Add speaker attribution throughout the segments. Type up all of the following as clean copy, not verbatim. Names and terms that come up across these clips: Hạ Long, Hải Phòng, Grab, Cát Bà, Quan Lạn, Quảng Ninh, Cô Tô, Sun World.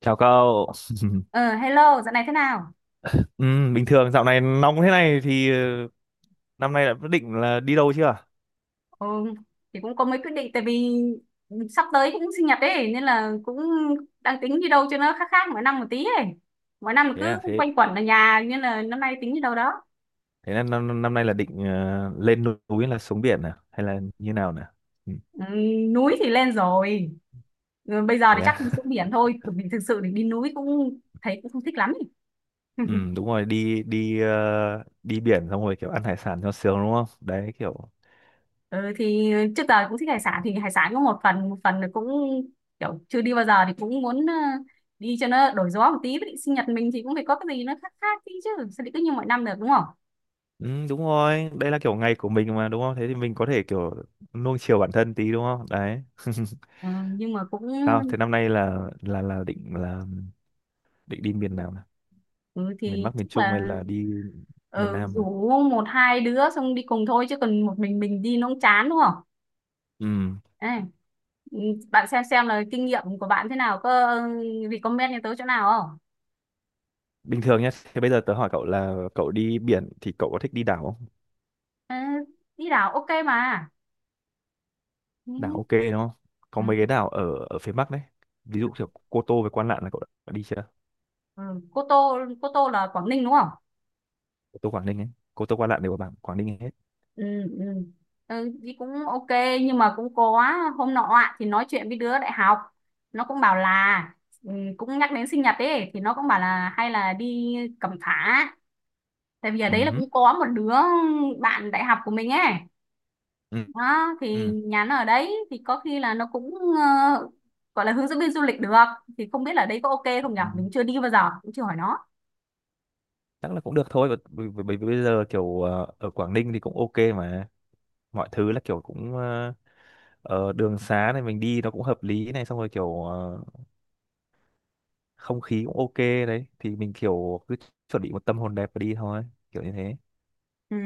Speaker 1: Chào cậu.
Speaker 2: Ờ, Hello, dạo này thế nào?
Speaker 1: Ừ, bình thường dạo này nóng thế này thì năm nay đã quyết định là đi đâu chưa?
Speaker 2: Ừ, thì cũng có mấy quyết định tại vì sắp tới cũng sinh nhật ấy nên là cũng đang tính đi đâu cho nó khác khác mỗi năm một tí ấy. Mỗi năm
Speaker 1: Thế
Speaker 2: cứ
Speaker 1: à, thế
Speaker 2: quanh quẩn ở nhà nên là năm nay tính đi đâu đó.
Speaker 1: thế là năm năm nay là định lên núi hay là xuống biển à, hay là như nào nè? Ừ,
Speaker 2: Ừ, núi thì lên rồi. Ừ, bây giờ
Speaker 1: thế
Speaker 2: thì
Speaker 1: à.
Speaker 2: chắc đi xuống biển thôi, bởi vì thực sự thì đi núi cũng thấy cũng không thích lắm ấy.
Speaker 1: Ừ, đúng rồi, đi đi ờ, đi biển xong rồi kiểu ăn hải sản cho sướng đúng không? Đấy kiểu
Speaker 2: Ừ, thì trước giờ cũng thích hải sản thì hải sản có một phần là cũng kiểu chưa đi bao giờ thì cũng muốn đi cho nó đổi gió một tí với định sinh nhật mình thì cũng phải có cái gì nó khác khác tí chứ sao lại cứ như mọi năm được đúng không?
Speaker 1: ừ, đúng rồi, đây là kiểu ngày của mình mà đúng không? Thế thì mình có thể kiểu nuông chiều bản thân tí đúng không? Đấy.
Speaker 2: Ừ, nhưng mà cũng.
Speaker 1: Sao? Thế năm nay là định đi miền nào nè?
Speaker 2: Ừ,
Speaker 1: Miền
Speaker 2: thì
Speaker 1: Bắc, miền
Speaker 2: chắc
Speaker 1: Trung hay
Speaker 2: là.
Speaker 1: là đi miền
Speaker 2: Ừ,
Speaker 1: Nam?
Speaker 2: rủ một hai đứa xong đi cùng thôi chứ còn một mình đi nó cũng chán đúng không?
Speaker 1: Ừ.
Speaker 2: Đây, ừ, bạn xem là kinh nghiệm của bạn thế nào, có ừ, recommend cho tớ chỗ nào không?
Speaker 1: Bình thường nhé, thế bây giờ tớ hỏi cậu là cậu đi biển thì cậu có thích đi đảo không?
Speaker 2: Ừ, đi đảo ok mà.
Speaker 1: Đảo
Speaker 2: Ừ.
Speaker 1: ok đúng không? Có mấy cái
Speaker 2: Ừ,
Speaker 1: đảo ở ở phía Bắc đấy. Ví
Speaker 2: ừ.
Speaker 1: dụ kiểu Cô Tô với Quan Lạn là cậu đã đi chưa?
Speaker 2: Ừ. Cô Tô là Quảng Ninh đúng không?
Speaker 1: Cô Tô Quảng Ninh ấy. Cô Tô Quan Lạn đều ở bảng Quảng Ninh hết.
Speaker 2: Ừ, ừ, ừ, thì cũng ok, nhưng mà cũng có hôm nọ ạ, thì nói chuyện với đứa đại học, nó cũng bảo là ừ, cũng nhắc đến sinh nhật ấy, thì nó cũng bảo là hay là đi Cẩm Phả, tại vì ở
Speaker 1: Ừ.
Speaker 2: đấy là
Speaker 1: Hứ.
Speaker 2: cũng có một đứa bạn đại học của mình ấy,
Speaker 1: Ừ.
Speaker 2: đó thì
Speaker 1: Ừ.
Speaker 2: nhà nó ở đấy thì có khi là nó cũng ờ, gọi là hướng dẫn viên du lịch được, thì không biết là đấy có ok không nhở,
Speaker 1: Ừ.
Speaker 2: mình chưa đi bao giờ cũng chưa hỏi nó.
Speaker 1: Chắc là cũng được thôi. Bởi bởi- bởi bởi vì bây giờ kiểu ở Quảng Ninh thì cũng ok mà. Mọi thứ là kiểu cũng đường xá này mình đi nó cũng hợp lý này, xong rồi kiểu không khí cũng ok, đấy thì mình kiểu cứ chuẩn bị một tâm hồn đẹp và đi thôi, kiểu như thế.
Speaker 2: Ừ.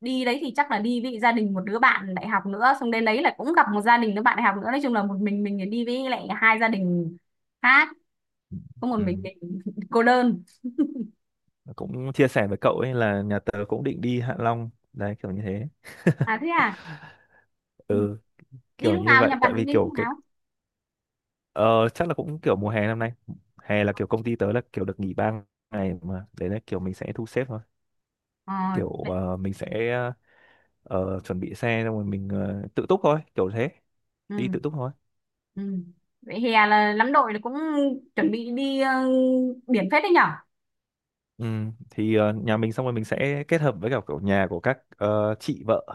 Speaker 2: Đi đấy thì chắc là đi với gia đình một đứa bạn đại học nữa, xong đến đấy là cũng gặp một gia đình đứa bạn đại học nữa, nói chung là một mình đi với lại hai gia đình khác, có một
Speaker 1: Ừ,
Speaker 2: mình cô đơn.
Speaker 1: cũng chia sẻ với cậu ấy là nhà tớ cũng định đi Hạ Long đấy, kiểu như thế,
Speaker 2: À thế à. Ừ.
Speaker 1: ừ,
Speaker 2: Đi
Speaker 1: kiểu
Speaker 2: lúc
Speaker 1: như
Speaker 2: nào, nhà
Speaker 1: vậy, tại
Speaker 2: bạn đi
Speaker 1: vì
Speaker 2: đến
Speaker 1: kiểu
Speaker 2: lúc
Speaker 1: cái
Speaker 2: nào?
Speaker 1: ờ, chắc là cũng kiểu mùa hè năm nay, hè là kiểu công ty tớ là kiểu được nghỉ 3 ngày mà, đấy là kiểu mình sẽ thu xếp thôi,
Speaker 2: ờ
Speaker 1: kiểu
Speaker 2: vậy-
Speaker 1: mình sẽ chuẩn bị xe xong rồi mình tự túc thôi, kiểu thế,
Speaker 2: ừ.
Speaker 1: đi tự túc thôi.
Speaker 2: Ừ. Vậy hè là lắm đội là cũng chuẩn bị đi biển phết đấy nhở.
Speaker 1: Ừ, thì nhà mình xong rồi mình sẽ kết hợp với cả kiểu nhà của các chị vợ,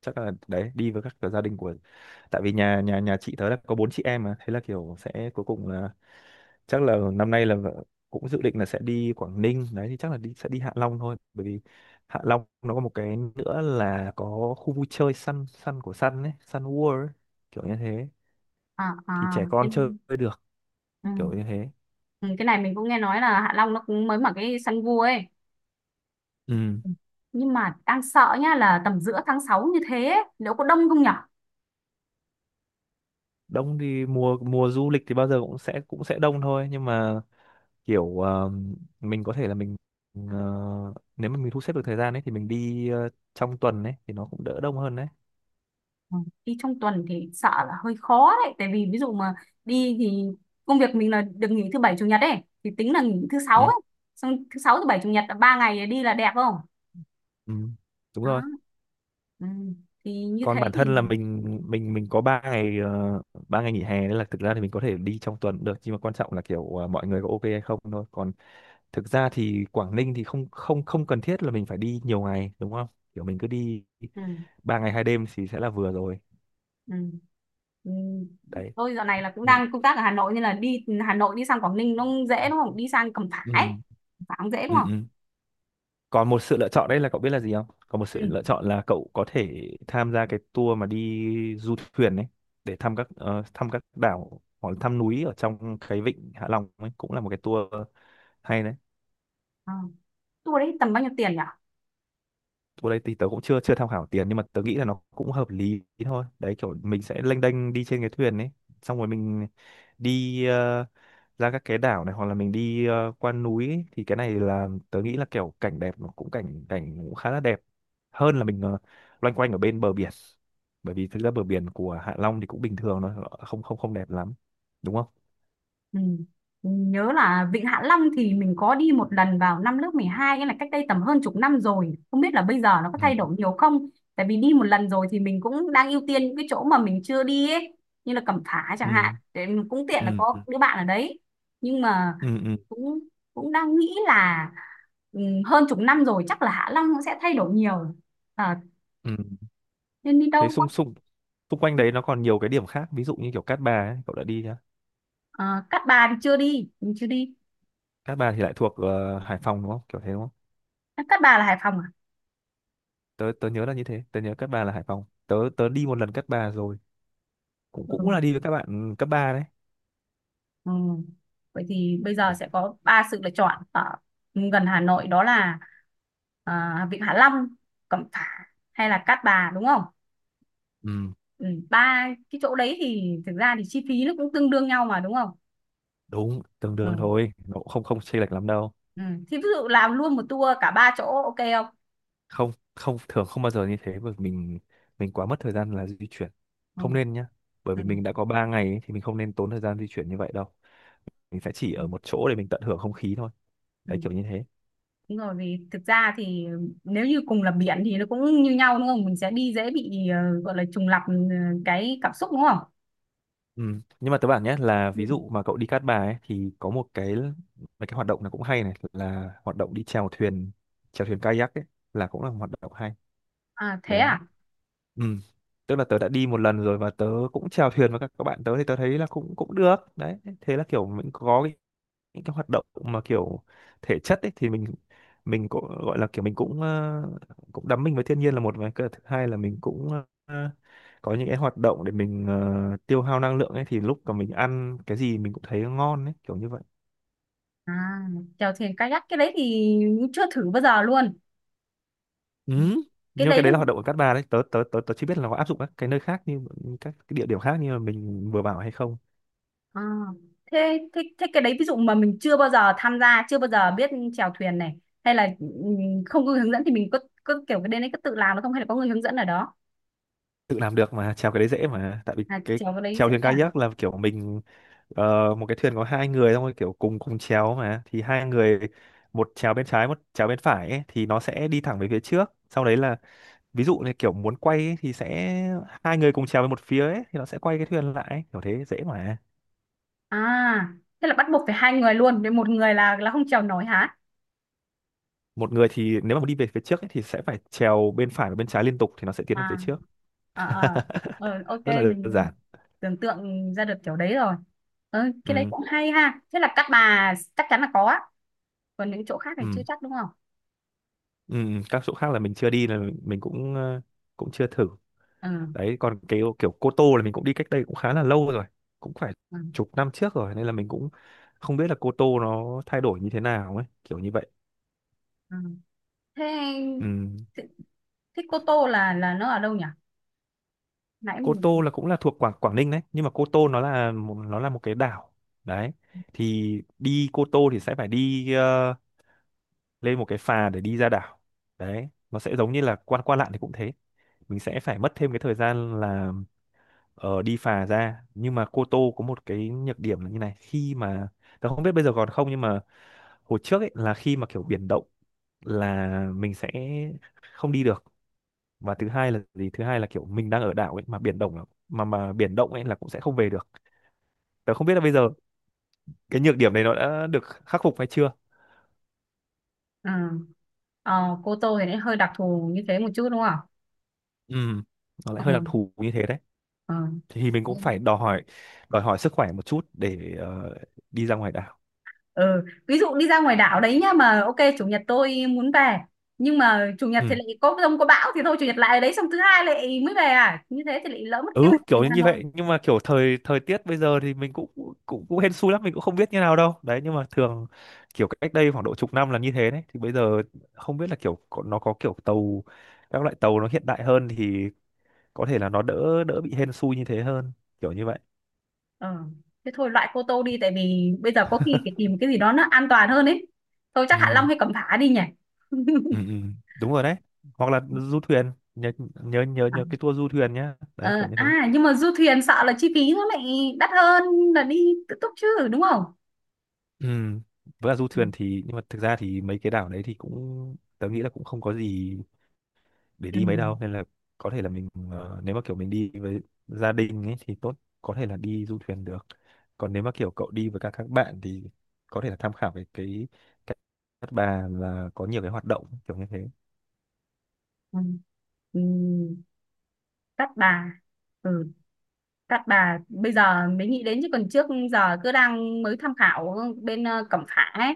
Speaker 1: chắc là đấy đi với các kiểu gia đình của, tại vì nhà nhà nhà chị tớ là có bốn chị em mà, thế là kiểu sẽ cuối cùng là chắc là năm nay là vợ cũng dự định là sẽ đi Quảng Ninh đấy, thì chắc là sẽ đi Hạ Long thôi, bởi vì Hạ Long nó có một cái nữa là có khu vui chơi Sun Sun của Sun ấy, Sun World ấy, kiểu như thế,
Speaker 2: À,
Speaker 1: thì
Speaker 2: à.
Speaker 1: trẻ con chơi
Speaker 2: em-
Speaker 1: được,
Speaker 2: Ừ.
Speaker 1: kiểu như thế.
Speaker 2: Ừ, cái này mình cũng nghe nói là Hạ Long nó cũng mới mở cái săn vua ấy,
Speaker 1: Ừ.
Speaker 2: nhưng mà đang sợ nhá là tầm giữa tháng 6 như thế ấy, liệu có đông không nhở?
Speaker 1: Đông thì mùa mùa du lịch thì bao giờ cũng sẽ đông thôi, nhưng mà kiểu mình có thể là mình ờ, nếu mà mình thu xếp được thời gian ấy thì mình đi trong tuần ấy thì nó cũng đỡ đông hơn đấy.
Speaker 2: Ừ, đi trong tuần thì sợ là hơi khó đấy, tại vì ví dụ mà đi thì công việc mình là được nghỉ thứ bảy chủ nhật ấy, thì tính là nghỉ thứ sáu
Speaker 1: Ừ.
Speaker 2: ấy, xong thứ sáu thứ bảy chủ nhật là 3 ngày đi là đẹp không?
Speaker 1: Ừ. Đúng
Speaker 2: Đó.
Speaker 1: rồi.
Speaker 2: Ừ. Thì như
Speaker 1: Còn
Speaker 2: thế
Speaker 1: bản
Speaker 2: thì.
Speaker 1: thân là mình có ba ngày 3 ngày nghỉ hè, nên là thực ra thì mình có thể đi trong tuần cũng được, nhưng mà quan trọng là kiểu mọi người có ok hay không thôi, còn thực ra thì Quảng Ninh thì không không không cần thiết là mình phải đi nhiều ngày đúng không, kiểu mình cứ đi
Speaker 2: Ừ.
Speaker 1: 3 ngày 2 đêm thì sẽ là vừa rồi
Speaker 2: Ừ. Ừ.
Speaker 1: đấy.
Speaker 2: Tôi dạo này là cũng
Speaker 1: Ừ.
Speaker 2: đang công tác ở Hà Nội, nên là đi Hà Nội đi sang Quảng Ninh nó dễ đúng không, đi sang Cẩm Phả
Speaker 1: Ừ.
Speaker 2: ấy. Cẩm Phả cũng dễ đúng
Speaker 1: Ừ.
Speaker 2: không?
Speaker 1: Ừ. Còn một sự lựa chọn đấy là cậu biết là gì không, còn một sự lựa
Speaker 2: Ừ.
Speaker 1: chọn là cậu có thể tham gia cái tour mà đi du thuyền đấy, để thăm các thăm các đảo hoặc là thăm núi ở trong cái vịnh Hạ Long ấy, cũng là một cái tour hay đấy.
Speaker 2: Ờ. Tour đấy tầm bao nhiêu tiền nhỉ?
Speaker 1: Chỗ đây thì tớ cũng chưa chưa tham khảo tiền, nhưng mà tớ nghĩ là nó cũng hợp lý thôi, đấy kiểu mình sẽ lênh đênh đi trên cái thuyền ấy, xong rồi mình đi ra các cái đảo này hoặc là mình đi qua núi ấy. Thì cái này là tớ nghĩ là kiểu cảnh đẹp, nó cũng cảnh cảnh cũng khá là đẹp hơn là mình loanh quanh ở bên bờ biển, bởi vì thực ra bờ biển của Hạ Long thì cũng bình thường thôi, không không không đẹp lắm đúng không?
Speaker 2: Ừ. Nhớ là Vịnh Hạ Long thì mình có đi một lần vào năm lớp 12, nghĩa là cách đây tầm hơn chục năm rồi. Không biết là bây giờ nó có
Speaker 1: Ừ.
Speaker 2: thay đổi nhiều không? Tại vì đi một lần rồi thì mình cũng đang ưu tiên những cái chỗ mà mình chưa đi ấy, như là Cẩm Phả chẳng hạn.
Speaker 1: Ừ.
Speaker 2: Để mình cũng tiện là
Speaker 1: Ừ. Ừ,
Speaker 2: có đứa bạn ở đấy. Nhưng mà
Speaker 1: ừ, ừ,
Speaker 2: cũng cũng đang nghĩ là ừ, hơn chục năm rồi chắc là Hạ Long nó sẽ thay đổi nhiều. Ờ,
Speaker 1: ừ.
Speaker 2: Nên đi
Speaker 1: Thế
Speaker 2: đâu không?
Speaker 1: xung xung xung quanh đấy nó còn nhiều cái điểm khác, ví dụ như kiểu Cát Bà ấy, cậu đã đi nhá?
Speaker 2: Ờ, Cát Bà thì chưa đi, mình chưa đi.
Speaker 1: Cát Bà thì lại thuộc Hải Phòng đúng không, kiểu thế đúng không?
Speaker 2: Cát Bà là Hải Phòng à?
Speaker 1: Tớ tớ nhớ là như thế, tớ nhớ Cát Bà là Hải Phòng, tớ tớ đi một lần Cát Bà rồi, cũng
Speaker 2: Ừ.
Speaker 1: cũng là đi với các bạn cấp 3 đấy.
Speaker 2: Ừ. Vậy thì bây giờ sẽ có ba sự lựa chọn ở gần Hà Nội, đó là Vịnh Hạ Long, Cẩm Phả hay là Cát Bà đúng không?
Speaker 1: Ừ,
Speaker 2: Ừ. Ba cái chỗ đấy thì thực ra thì chi phí nó cũng tương đương nhau mà đúng không?
Speaker 1: đúng, tương
Speaker 2: Ừ.
Speaker 1: đương thôi, nó cũng không không chênh lệch lắm đâu.
Speaker 2: Ừ. Thì ví dụ làm luôn một tour cả ba chỗ ok không?
Speaker 1: Không không thường, không bao giờ như thế, bởi vì mình quá mất thời gian là di chuyển,
Speaker 2: Ừ.
Speaker 1: không nên nhá, bởi
Speaker 2: Ừ.
Speaker 1: vì mình đã có 3 ngày ấy, thì mình không nên tốn thời gian di chuyển như vậy đâu, mình sẽ chỉ
Speaker 2: Ừ.
Speaker 1: ở một chỗ để mình tận hưởng không khí thôi, đấy
Speaker 2: Ừ.
Speaker 1: kiểu như thế.
Speaker 2: Đúng rồi, vì thực ra thì nếu như cùng là biển thì nó cũng như nhau đúng không? Mình sẽ đi dễ bị gọi là trùng lặp cái cảm xúc đúng không?
Speaker 1: Ừ. Nhưng mà tớ bảo nhé, là
Speaker 2: Ừ.
Speaker 1: ví dụ mà cậu đi Cát Bà ấy, thì có một cái, mấy cái hoạt động là cũng hay này, là hoạt động đi chèo thuyền kayak ấy, là cũng là một hoạt động hay
Speaker 2: À thế
Speaker 1: đấy.
Speaker 2: à?
Speaker 1: Ừ. Tức là tớ đã đi một lần rồi, và tớ cũng chèo thuyền với các bạn tớ, thì tớ thấy là cũng cũng được đấy, thế là kiểu mình có những cái hoạt động mà kiểu thể chất ấy, thì mình cũng gọi là kiểu mình cũng cũng đắm mình với thiên nhiên là một, và cái thứ hai là mình cũng ờ, có những cái hoạt động để mình tiêu hao năng lượng ấy, thì lúc mà mình ăn cái gì mình cũng thấy ngon ấy, kiểu như vậy.
Speaker 2: À, chèo thuyền kayak cái đấy thì chưa thử bao giờ luôn.
Speaker 1: Ừ.
Speaker 2: Cái
Speaker 1: Nhưng
Speaker 2: đấy
Speaker 1: cái đấy là
Speaker 2: đâu-
Speaker 1: hoạt động ở Cát Bà đấy, tớ tớ tớ tớ chỉ biết là có áp dụng các cái nơi khác như các cái địa điểm khác như mà mình vừa bảo hay không.
Speaker 2: À, thế, thế thế cái đấy ví dụ mà mình chưa bao giờ tham gia, chưa bao giờ biết, chèo thuyền này hay là không có người hướng dẫn thì mình có kiểu cái đến đấy có tự làm được không hay là có người hướng dẫn ở đó?
Speaker 1: Tự làm được mà, chèo cái đấy dễ mà, tại vì
Speaker 2: À
Speaker 1: cái
Speaker 2: chèo cái đấy
Speaker 1: chèo
Speaker 2: dễ
Speaker 1: thuyền
Speaker 2: à?
Speaker 1: kayak là kiểu mình một cái thuyền có hai người, xong rồi kiểu cùng cùng chèo mà, thì hai người, một chèo bên trái một chèo bên phải ấy, thì nó sẽ đi thẳng về phía trước, sau đấy là ví dụ như kiểu muốn quay ấy, thì sẽ hai người cùng chèo về một phía ấy, thì nó sẽ quay cái thuyền lại ấy, kiểu thế dễ mà.
Speaker 2: À, thế là bắt buộc phải hai người luôn, để một người là không chèo nổi hả?
Speaker 1: Một người thì nếu mà muốn đi về phía trước ấy, thì sẽ phải chèo bên phải và bên trái liên tục, thì nó sẽ tiến về phía
Speaker 2: À.
Speaker 1: trước.
Speaker 2: À, à. Ờ, ok
Speaker 1: Rất là đơn
Speaker 2: mình
Speaker 1: giản.
Speaker 2: tưởng tượng ra được kiểu đấy rồi. Ờ, cái đấy
Speaker 1: Ừ,
Speaker 2: cũng hay ha. Thế là các bà chắc chắn là có á. Còn những chỗ khác thì chưa
Speaker 1: ừ,
Speaker 2: chắc đúng không?
Speaker 1: ừ. Ừ. Các chỗ khác là mình chưa đi, là mình cũng cũng chưa thử
Speaker 2: Ừ,
Speaker 1: đấy. Còn cái kiểu Cô Tô là mình cũng đi cách đây cũng khá là lâu rồi, cũng phải
Speaker 2: ừ,
Speaker 1: chục năm trước rồi, nên là mình cũng không biết là Cô Tô nó thay đổi như thế nào ấy, kiểu như vậy.
Speaker 2: ừ. thế
Speaker 1: Ừ.
Speaker 2: thế thế Cô Tô là nó ở đâu nhỉ? nãy
Speaker 1: Cô Tô
Speaker 2: mình-
Speaker 1: là cũng là thuộc Quảng Quảng Ninh đấy, nhưng mà Cô Tô nó là một cái đảo đấy, thì đi Cô Tô thì sẽ phải đi lên một cái phà để đi ra đảo đấy, nó sẽ giống như là qua qua lạn thì cũng thế, mình sẽ phải mất thêm cái thời gian là đi phà ra, nhưng mà Cô Tô có một cái nhược điểm là như này, khi mà tớ không biết bây giờ còn không, nhưng mà hồi trước ấy là khi mà kiểu biển động là mình sẽ không đi được, và thứ hai là gì, thứ hai là kiểu mình đang ở đảo ấy mà biển động ấy là cũng sẽ không về được, tớ không biết là bây giờ cái nhược điểm này nó đã được khắc phục hay chưa.
Speaker 2: ừ. Cô Tô thì nó hơi đặc thù như thế một chút đúng không?
Speaker 1: Ừ, nó lại hơi đặc
Speaker 2: Ừ.
Speaker 1: thù như thế đấy,
Speaker 2: Ừ.
Speaker 1: thì mình cũng phải đòi hỏi sức khỏe một chút để đi ra ngoài đảo.
Speaker 2: ừ ví dụ đi ra ngoài đảo đấy nhá, mà ok chủ nhật tôi muốn về, nhưng mà chủ nhật thì
Speaker 1: Ừ,
Speaker 2: lại có dông có bão thì thôi chủ nhật lại ở đấy, xong thứ hai lại mới về à, như thế thì lại lỡ mất kế
Speaker 1: ừ,
Speaker 2: hoạch mình
Speaker 1: kiểu
Speaker 2: Hà
Speaker 1: như
Speaker 2: Nội.
Speaker 1: vậy, nhưng mà kiểu thời thời tiết bây giờ thì mình cũng cũng cũng hên xui lắm, mình cũng không biết như nào đâu đấy, nhưng mà thường kiểu cách đây khoảng độ chục năm là như thế đấy, thì bây giờ không biết là kiểu nó có kiểu tàu, các loại tàu nó hiện đại hơn thì có thể là nó đỡ đỡ bị hên xui như thế hơn, kiểu như vậy.
Speaker 2: Ờ. Thế thôi loại Cô Tô đi, tại vì bây giờ có khi phải tìm cái gì đó nó an toàn hơn ấy. Thôi
Speaker 1: Ừ,
Speaker 2: chắc Hạ Long hay Cẩm Phả đi nhỉ.
Speaker 1: ừ, ừ. Đúng rồi đấy, hoặc là du thuyền nhớ, nhớ nhớ
Speaker 2: À,
Speaker 1: nhớ cái tour du thuyền nhá, đấy kiểu như thế.
Speaker 2: nhưng mà du thuyền sợ là chi phí nó lại đắt hơn là đi tự túc chứ đúng không?
Speaker 1: Ừ. Với cả du
Speaker 2: Ừ.
Speaker 1: thuyền thì, nhưng mà thực ra thì mấy cái đảo đấy thì cũng tớ nghĩ là cũng không có gì để
Speaker 2: Ừ.
Speaker 1: đi mấy đâu, nên là có thể là mình nếu mà kiểu mình đi với gia đình ấy thì tốt, có thể là đi du thuyền được, còn nếu mà kiểu cậu đi với các bạn thì có thể là tham khảo về cái cái Cát Bà là có nhiều cái hoạt động, kiểu như thế.
Speaker 2: Ừ. Ừ. Cát Bà. Ừ. Cát Bà bây giờ mới nghĩ đến, chứ còn trước giờ cứ đang mới tham khảo bên Cẩm Phả ấy.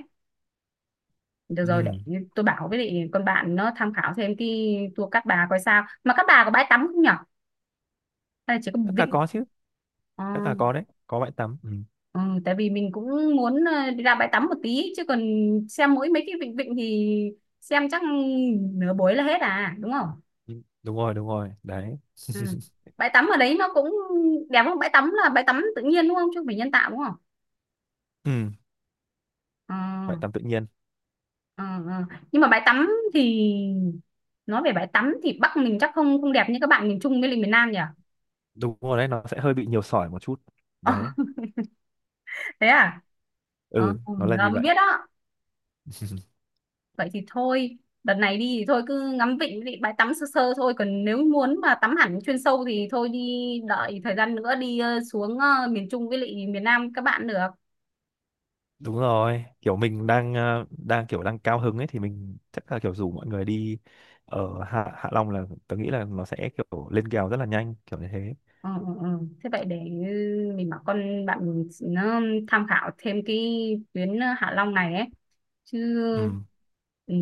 Speaker 2: Được rồi, để
Speaker 1: Ừ.
Speaker 2: tôi bảo với lại con bạn nó tham khảo thêm cái tour Cát Bà coi sao. Mà Cát Bà có bãi tắm không nhỉ? Hay là chỉ có một
Speaker 1: Cát Bà
Speaker 2: vịnh.
Speaker 1: có chứ,
Speaker 2: Ờ,
Speaker 1: Cát Bà có đấy, có bãi tắm. Ừ.
Speaker 2: ừ, tại vì mình cũng muốn đi ra bãi tắm một tí, chứ còn xem mỗi mấy cái vịnh vịnh thì xem chắc nửa buổi là hết à, đúng không?
Speaker 1: Ừ, đúng rồi, đúng rồi đấy.
Speaker 2: Ừ. Bãi tắm ở đấy nó cũng đẹp không? Bãi tắm là bãi tắm tự nhiên đúng không? Chứ không phải nhân tạo đúng không?
Speaker 1: Ừ.
Speaker 2: Ờ,
Speaker 1: Bãi tắm tự nhiên.
Speaker 2: ờ, ờ. Nhưng mà bãi tắm thì nói về bãi tắm thì Bắc mình chắc không không đẹp như các bạn miền Trung với lại miền Nam nhỉ?
Speaker 1: Đúng rồi đấy, nó sẽ hơi bị nhiều sỏi một chút đấy,
Speaker 2: Thế à? Ờ,
Speaker 1: ừ nó là
Speaker 2: giờ
Speaker 1: như
Speaker 2: mới
Speaker 1: vậy.
Speaker 2: biết đó. Vậy thì thôi đợt này đi thì thôi cứ ngắm vịnh với lại bãi tắm sơ sơ thôi, còn nếu muốn mà tắm hẳn chuyên sâu thì thôi đi đợi thời gian nữa đi xuống miền Trung với lại miền Nam các bạn được.
Speaker 1: Đúng rồi, kiểu mình đang ờ, đang kiểu đang cao hứng ấy, thì mình chắc là kiểu rủ mọi người đi ở Hạ Hạ Long, là tớ nghĩ là nó sẽ kiểu lên kèo rất là nhanh, kiểu như thế.
Speaker 2: Ừ, ừ, ừ. Thế vậy để mình bảo con bạn mình nó tham khảo thêm cái tuyến Hạ Long này ấy chứ.
Speaker 1: Ừ,
Speaker 2: Ừ,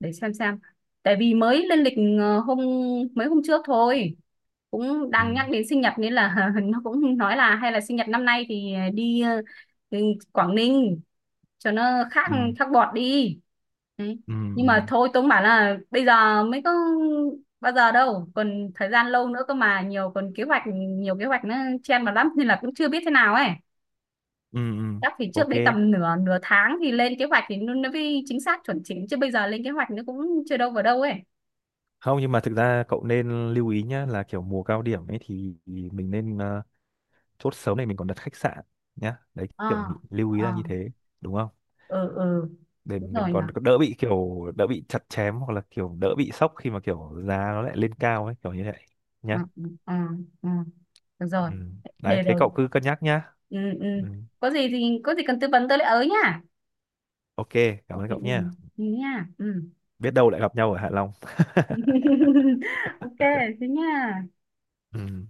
Speaker 2: để xem, tại vì mới lên lịch ờ, hôm mấy hôm trước thôi, cũng
Speaker 1: ừ,
Speaker 2: đang nhắc đến sinh nhật nên là nó cũng nói là hay là sinh nhật năm nay thì đi ừ, Quảng Ninh cho nó khác
Speaker 1: ừ,
Speaker 2: khác bọt đi. Đấy.
Speaker 1: ừ,
Speaker 2: Nhưng
Speaker 1: ừ,
Speaker 2: mà thôi tôi cũng bảo là bây giờ mới có bao giờ đâu, còn thời gian lâu nữa cơ mà, nhiều còn kế hoạch, nhiều kế hoạch nó chen vào lắm nên là cũng chưa biết thế nào ấy.
Speaker 1: ừ, ừ.
Speaker 2: Chắc thì trước
Speaker 1: Ok.
Speaker 2: đấy tầm nửa nửa tháng thì lên kế hoạch thì nó mới chính xác chuẩn chỉnh, chứ bây giờ lên kế hoạch nó cũng chưa đâu vào đâu ấy.
Speaker 1: Không, nhưng mà thực ra cậu nên lưu ý nhá, là kiểu mùa cao điểm ấy thì mình nên chốt sớm này, mình còn đặt khách sạn nhá. Đấy kiểu
Speaker 2: Ờ.
Speaker 1: mình lưu ý
Speaker 2: Ờ.
Speaker 1: là như thế, đúng không?
Speaker 2: Ừ. Ừ
Speaker 1: Để
Speaker 2: đúng
Speaker 1: mình
Speaker 2: rồi nhỉ.
Speaker 1: còn đỡ bị kiểu đỡ bị chặt chém, hoặc là kiểu đỡ bị sốc khi mà kiểu giá nó lại lên cao ấy, kiểu như vậy
Speaker 2: Ừ,
Speaker 1: nhá.
Speaker 2: ừ, ừ. Ừ. Được rồi.
Speaker 1: Ừ. Đấy,
Speaker 2: Để
Speaker 1: thế
Speaker 2: rồi.
Speaker 1: cậu cứ cân nhắc nhá.
Speaker 2: Ừ, ừ,
Speaker 1: Ừ.
Speaker 2: có gì cần tư vấn tôi lại ở nhá.
Speaker 1: Ok, cảm
Speaker 2: Ừ,
Speaker 1: ơn
Speaker 2: ừ,
Speaker 1: cậu nha.
Speaker 2: ừ nha. Ừ.
Speaker 1: Biết đâu lại gặp nhau ở Hạ Long.
Speaker 2: Ok, thế nha.
Speaker 1: Ừ.